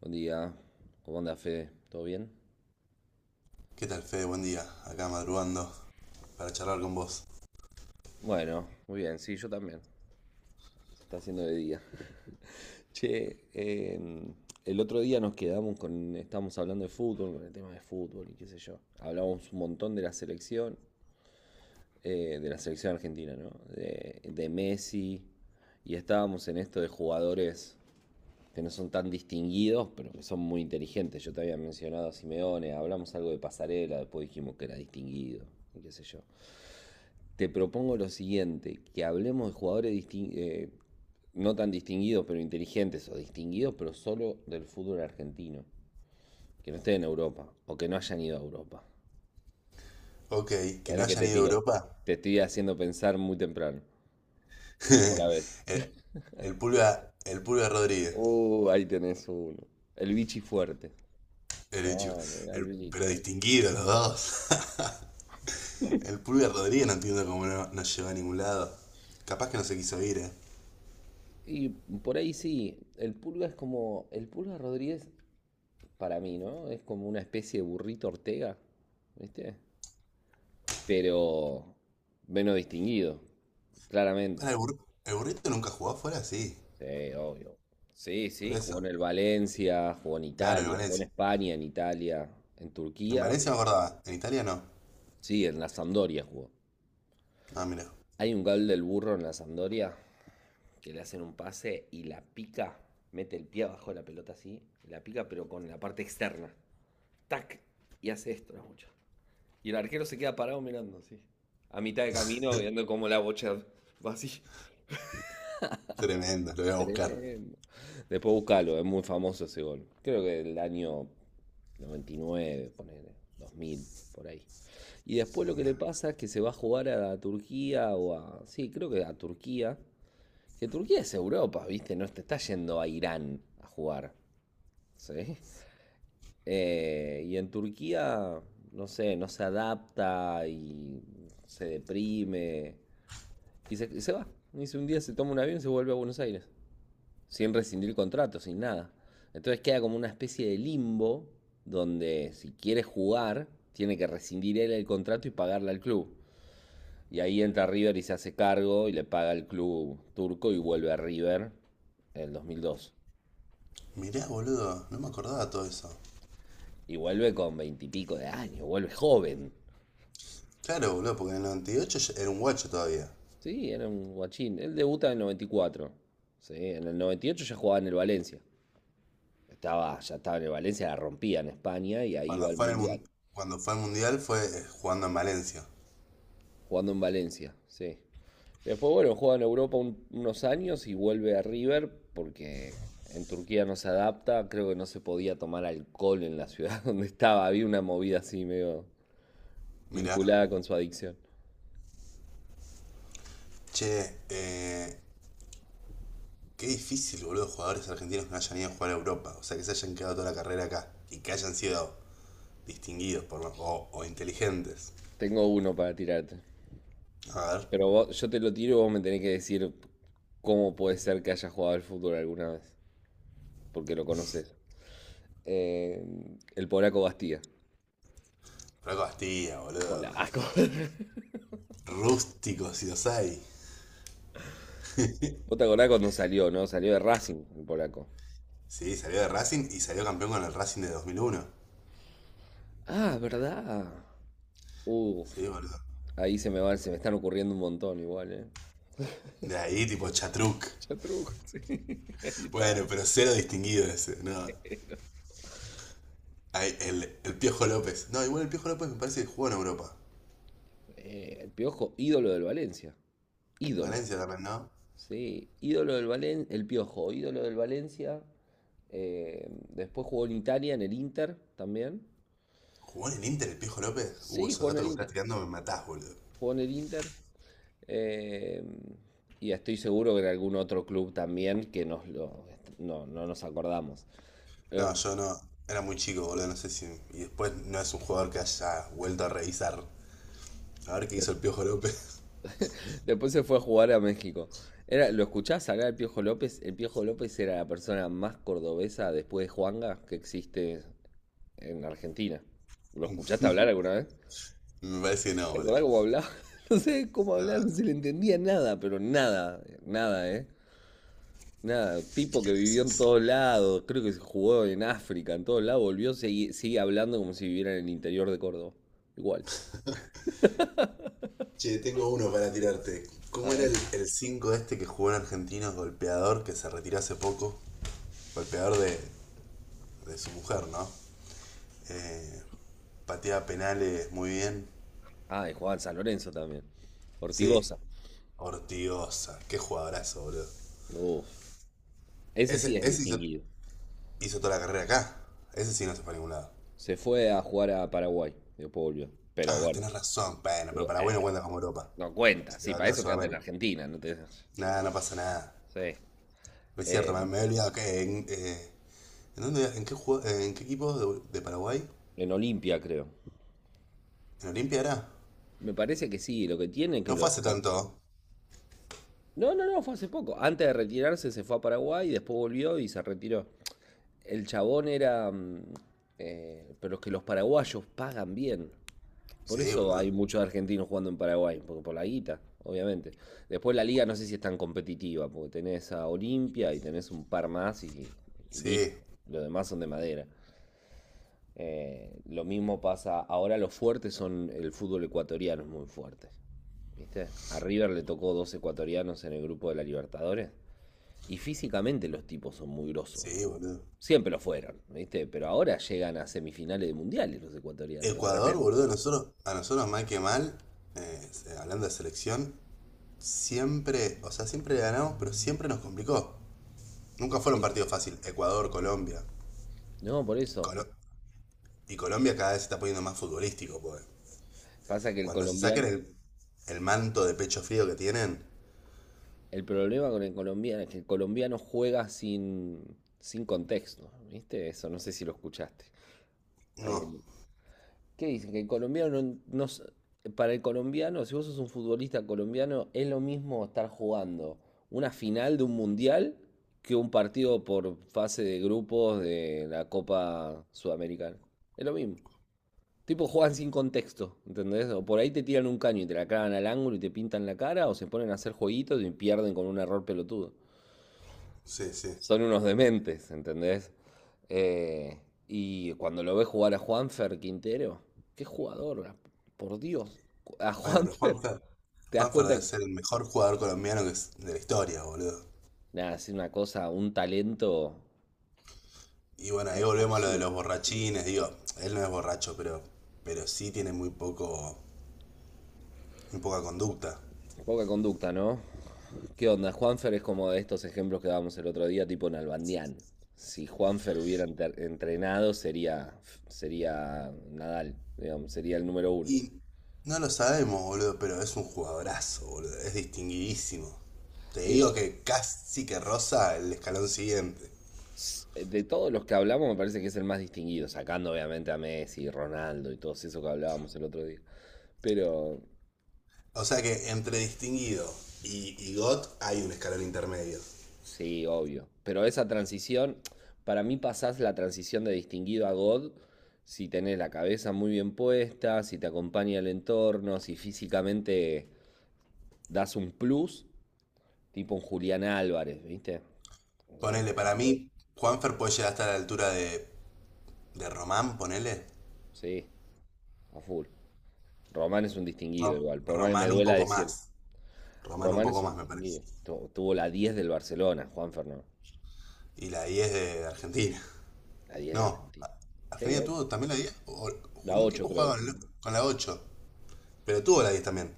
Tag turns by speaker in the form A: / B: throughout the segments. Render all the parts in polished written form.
A: Buen día. ¿Cómo anda, Fede? ¿Todo bien?
B: ¿Qué tal, Fede? Buen día. Acá madrugando para charlar con vos.
A: Bueno, muy bien, sí, yo también. Se está haciendo de día. Che, el otro día nos quedamos con. Estábamos hablando de fútbol, con el tema de fútbol y qué sé yo. Hablábamos un montón de la selección argentina, ¿no? De Messi. Y estábamos en esto de jugadores que no son tan distinguidos, pero que son muy inteligentes. Yo te había mencionado a Simeone, hablamos algo de pasarela, después dijimos que era distinguido, y qué sé yo. Te propongo lo siguiente, que hablemos de jugadores no tan distinguidos, pero inteligentes, o distinguidos, pero solo del fútbol argentino, que no estén en Europa, o que no hayan ido a Europa.
B: Ok, que
A: Mirá
B: no
A: la que
B: hayan
A: te
B: ido a
A: tiro.
B: Europa.
A: Te estoy haciendo pensar muy temprano. ¿Cómo la ves?
B: El, el Pulga Rodríguez.
A: Ahí tenés uno. El bichi fuerte.
B: El bicho.
A: No, mirá el bichi.
B: Pero distinguido los dos. El Pulga Rodríguez no entiendo cómo no llegó a ningún lado. Capaz que no se quiso ir.
A: Y por ahí sí, el Pulga es como, el Pulga Rodríguez, para mí, ¿no? Es como una especie de burrito Ortega, ¿viste? Pero menos distinguido, claramente.
B: Para el burrito nunca jugó afuera, sí.
A: Sí, obvio. Sí,
B: Por
A: sí,
B: eso.
A: jugó en el Valencia, jugó en
B: Claro, en
A: Italia, jugó en
B: Valencia.
A: España, en Italia, en
B: En
A: Turquía.
B: Valencia me acordaba. En Italia no.
A: Sí, en la Sampdoria jugó.
B: Ah, mira.
A: Hay un gol del burro en la Sampdoria que le hacen un pase y la pica, mete el pie abajo de la pelota así, la pica pero con la parte externa. Tac, y hace esto, la bocha. Y el arquero se queda parado mirando así. A mitad de camino, viendo cómo la bocha va así.
B: Tremendo, lo voy a buscar.
A: Tremendo. Después buscalo, es muy famoso ese gol. Creo que del año 99, ponele, 2000, por ahí. Y después lo que le
B: Mirá,
A: pasa es que se va a jugar a Turquía o a... Sí, creo que a Turquía. Que Turquía es Europa, ¿viste? No te está yendo a Irán a jugar. ¿Sí? Y en Turquía, no sé, no se adapta y se deprime. Y se va. Un día se toma un avión y se vuelve a Buenos Aires sin rescindir contrato, sin nada. Entonces queda como una especie de limbo donde si quiere jugar, tiene que rescindir él el contrato y pagarle al club. Y ahí entra River y se hace cargo y le paga al club turco y vuelve a River en el 2002.
B: Mirá, boludo. No me acordaba todo eso.
A: Y vuelve con veintipico de años, vuelve joven.
B: Claro, boludo, porque en el 98 ya era un guacho todavía.
A: Sí, era un guachín. Él debuta en el 94. Sí, en el 98 ya jugaba en el Valencia. Estaba, ya estaba en el Valencia, la rompía en España y ahí iba
B: Cuando
A: al
B: fue, en el,
A: Mundial.
B: mun- cuando fue al mundial fue jugando en Valencia.
A: Jugando en Valencia, sí. Después, bueno, juega en Europa unos años y vuelve a River porque en Turquía no se adapta. Creo que no se podía tomar alcohol en la ciudad donde estaba. Había una movida así medio
B: Mirá.
A: vinculada con su adicción.
B: Che, eh, Qué difícil, boludo, jugadores argentinos que no hayan ido a jugar a Europa. O sea, que se hayan quedado toda la carrera acá. Y que hayan sido distinguidos o inteligentes.
A: Tengo uno para tirarte.
B: A ver.
A: Pero yo te lo tiro y vos me tenés que decir cómo puede ser que haya jugado al fútbol alguna vez. Porque lo conoces. Eh, el polaco Bastía.
B: Franco Bastilla,
A: El
B: boludo.
A: polaco.
B: Rústico, si los hay.
A: Vos te acordás cuando salió, ¿no? Salió de Racing, el polaco.
B: Sí, salió de Racing y salió campeón con el Racing de 2001.
A: Ah, ¿verdad? Uh,
B: Sí, boludo.
A: Ahí se me va, se me están ocurriendo un montón igual, ¿eh?
B: De ahí, tipo Chatruc.
A: Chatruco, sí. Ahí está.
B: Bueno, pero cero distinguido ese, no. Ay, el Piojo López. No, igual el Piojo López me parece que jugó en Europa.
A: El Piojo, ídolo del Valencia. Ídolo.
B: Valencia también, ¿no?
A: Sí, ídolo del Valencia. El Piojo, ídolo del Valencia. Después jugó en Italia, en el Inter también.
B: ¿Jugó en el Inter el Piojo López?
A: Sí,
B: Esos
A: jugó en
B: datos que
A: el
B: me estás
A: Inter.
B: tirando me matás, boludo.
A: Jugó en el Inter. Eh, y estoy seguro que en algún otro club también que nos lo- no, no nos acordamos. Eh,
B: No, yo no. Era muy chico, boludo, no sé si... Y después no es un jugador que haya vuelto a revisar. A ver qué hizo el Piojo López.
A: Después se fue a jugar a México. Era, ¿lo escuchás hablar del Piojo López? El Piojo López era la persona más cordobesa después de Juanga que existe en Argentina. ¿Lo escuchaste hablar alguna vez?
B: Me parece que no,
A: ¿Te
B: boludo.
A: acordás cómo hablaba? No sé cómo
B: No,
A: hablar, no se le entendía nada, pero nada, nada, ¿eh? Nada, tipo
B: qué
A: que vivió en
B: gracioso.
A: todos lados, creo que se jugó en África, en todos lados, volvió, sigue, sigue hablando como si viviera en el interior de Córdoba. Igual.
B: Che, tengo uno para tirarte.
A: A
B: ¿Cómo era el,
A: ver.
B: el 5 este que jugó en Argentinos, golpeador, que se retiró hace poco? Golpeador de su mujer, ¿no? Eh, Pateaba penales muy bien.
A: Ah, y jugaba en San Lorenzo también.
B: Sí,
A: Ortigosa.
B: Ortigosa, qué jugadorazo, boludo.
A: Uf, ese sí
B: Ese,
A: es
B: ese hizo,
A: distinguido.
B: hizo toda la carrera acá. Ese sí no se fue a ningún lado.
A: Se fue a jugar a Paraguay y después volvió. Pero
B: Ah,
A: bueno,
B: tenés razón, bueno, pero Paraguay
A: "Eh,
B: no cuenta como Europa.
A: no cuenta.
B: Se quedó
A: Sí, para
B: acá en
A: eso quédate en
B: Sudamérica.
A: Argentina. No te...
B: Nada, no pasa nada.
A: Sí.
B: No es cierto, me,
A: Eh,
B: me he olvidado que ¿en, dónde, en, qué jugó- en qué equipo de Paraguay?
A: en Olimpia, creo.
B: ¿En Olimpia era?
A: Me parece que sí, lo que tiene es que
B: No fue
A: los...
B: hace tanto.
A: No, no, no, fue hace poco. Antes de retirarse se fue a Paraguay y después volvió y se retiró. El chabón era... mm, pero es que los paraguayos pagan bien. Por
B: Sí,
A: eso hay
B: boludo.
A: muchos argentinos jugando en Paraguay, porque por la guita, obviamente. Después la liga no sé si es tan competitiva, porque tenés a Olimpia y tenés un par más y
B: Sí,
A: listo. Los demás son de madera. Lo mismo pasa, ahora los fuertes son el fútbol ecuatoriano, es muy fuerte. ¿Viste? A River le tocó dos ecuatorianos en el grupo de la Libertadores. Y físicamente los tipos son muy grosos,
B: sí,
A: boludo.
B: boludo.
A: Siempre lo fueron, ¿viste? Pero ahora llegan a semifinales de mundiales los ecuatorianos, de
B: Ecuador,
A: repente.
B: boludo, a nosotros mal que mal, eh, hablando de selección, siempre, o sea, siempre le ganamos, pero siempre nos complicó. Nunca fueron
A: Sí.
B: partidos fáciles. Ecuador, Colombia.
A: No, por eso.
B: Colo- y Colombia cada vez se está poniendo más futbolístico, pues.
A: Pasa que el
B: Cuando se saquen
A: colombiano,
B: el manto de pecho frío que tienen.
A: el problema con el colombiano es que el colombiano juega sin, sin contexto, ¿viste? Eso no sé si lo escuchaste. Ahí
B: No,
A: el- ¿Qué dicen? Que el colombiano no, no s- para el colombiano, si vos sos un futbolista colombiano, es lo mismo estar jugando una final de un mundial que un partido por fase de grupos de la Copa Sudamericana. Es lo mismo. Tipo juegan sin contexto, ¿entendés? O por ahí te tiran un caño y te la clavan al ángulo y te pintan la cara, o se ponen a hacer jueguitos y pierden con un error pelotudo.
B: sí, sí.
A: Son unos dementes, ¿entendés? Eh, y cuando lo ves jugar a Juanfer Quintero, qué jugador, por Dios, a
B: Bueno, pero
A: Juanfer,
B: Juanfer.
A: te das
B: Juanfer
A: cuenta
B: debe
A: que
B: ser el mejor jugador colombiano de la historia, boludo.
A: nada, es una cosa, un talento
B: Y bueno, ahí volvemos a lo de
A: absurdo.
B: los borrachines. Digo, él no es borracho, pero sí tiene muy poca conducta.
A: Poca conducta, ¿no? ¿Qué onda? Juanfer es como de estos ejemplos que dábamos el otro día, tipo Nalbandián. Si Juanfer hubiera entrenado, sería Nadal, digamos, sería el número uno.
B: Y no lo sabemos, boludo, pero es un jugadorazo, boludo. Es distinguidísimo. Te
A: Y
B: digo que casi que rosa el escalón siguiente.
A: de todos los que hablamos, me parece que es el más distinguido, sacando obviamente a Messi, Ronaldo y todos esos que hablábamos el otro día. Pero
B: O sea que entre distinguido y god hay un escalón intermedio.
A: sí, obvio. Pero esa transición, para mí pasás la transición de distinguido a God si tenés la cabeza muy bien puesta, si te acompaña el entorno, si físicamente das un plus, tipo un Julián Álvarez, ¿viste? O sea, los
B: Ponele, para
A: jugadores,
B: mí, Juanfer puede llegar hasta la altura de Román, ponele.
A: sí, a full. Román es un distinguido igual, por más que me
B: Román un
A: duela
B: poco
A: decirlo.
B: más. Román un
A: Román es
B: poco
A: un
B: más, me parece.
A: distinguido. Tuvo la 10 del Barcelona, Juan Fernando.
B: Y la 10 de Argentina.
A: La 10 de
B: No,
A: Argentina. Sí,
B: Argentina
A: obvio.
B: tuvo también la diez.
A: La
B: Un
A: 8
B: tipo
A: creo
B: jugaba
A: que.
B: con la 8, pero tuvo la 10 también.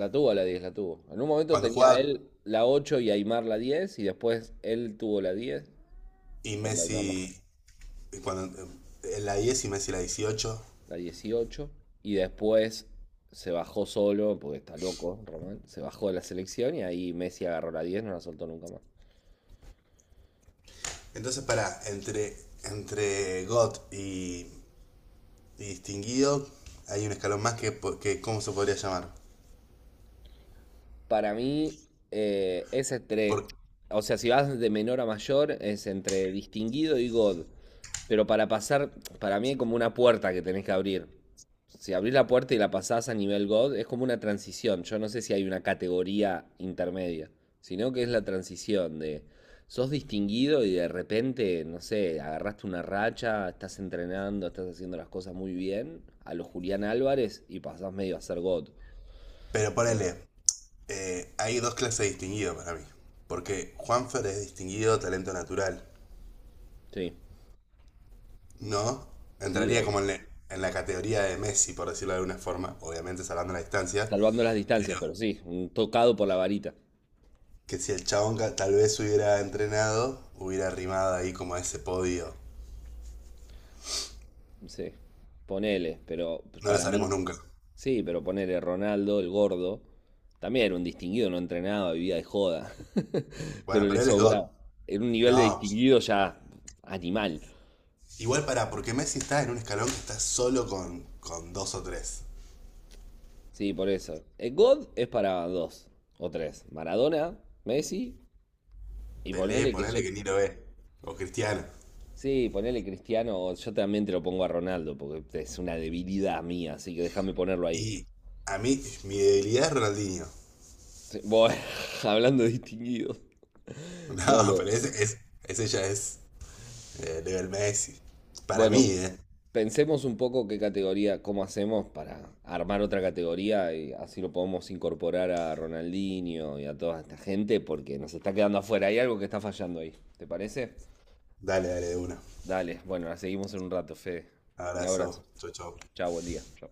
A: La tuvo la 10 la tuvo. En un momento
B: Cuando
A: tenía
B: jugaba
A: él la 8 y Aymar la 10 y después él tuvo la 10
B: y
A: cuando Aymar no fue,
B: Messi, cuando en la 10 y Messi la 18.
A: la 18 y después se bajó solo, porque está loco, Román, se bajó de la selección y ahí Messi agarró la 10 no la soltó nunca más.
B: Entonces, entre GOT y distinguido, hay un escalón más que ¿cómo se podría llamar?
A: Para mí es
B: Por,
A: entre, o sea, si vas de menor a mayor, es entre distinguido y God. Pero para pasar, para mí es como una puerta que tenés que abrir. Si abrís la puerta y la pasás a nivel God, es como una transición. Yo no sé si hay una categoría intermedia, sino que es la transición de sos distinguido y de repente, no sé, agarraste una racha, estás entrenando, estás haciendo las cosas muy bien, a lo Julián Álvarez y pasás medio a ser God.
B: pero
A: Eh,
B: ponele, hay dos clases de distinguido para mí. Porque Juanfer es distinguido talento natural,
A: sí,
B: ¿no?
A: sí,
B: Entraría
A: obvio.
B: como en la categoría de Messi, por decirlo de alguna forma, obviamente salvando la distancia,
A: Salvando las distancias,
B: pero
A: pero sí, un tocado por la varita.
B: que si el chabón tal vez hubiera entrenado, hubiera rimado ahí como a ese podio.
A: Sí, ponele, pero pues,
B: No lo
A: para
B: sabremos
A: mí,
B: nunca.
A: sí, pero ponele Ronaldo, el gordo, también era un distinguido, no entrenaba, vivía de joda,
B: Bueno,
A: pero le
B: pero él es God.
A: sobraba. Era un nivel de
B: No. Pues,
A: distinguido ya animal.
B: igual, porque Messi está en un escalón que está solo con dos o tres.
A: Sí, por eso. El God es para dos o tres. Maradona, Messi, y
B: Pelé,
A: ponele que yo.
B: ponele que ni lo ve. O Cristiano.
A: Sí, ponele Cristiano, o yo también te lo pongo a Ronaldo, porque es una debilidad mía, así que déjame ponerlo ahí.
B: Y a mí, mi debilidad es Ronaldinho.
A: Sí, bueno, hablando de distinguidos. No,
B: No, pero ese ya es level Messi. Para mí,
A: bueno,
B: eh.
A: pensemos un poco qué categoría, cómo hacemos para armar otra categoría y así lo podemos incorporar a Ronaldinho y a toda esta gente porque nos está quedando afuera. Hay algo que está fallando ahí, ¿te parece?
B: Dale, dale, de una.
A: Dale, bueno, la seguimos en un rato, Fede. Un
B: Abrazo.
A: abrazo.
B: Chau, chau.
A: Chao, buen día. Chao.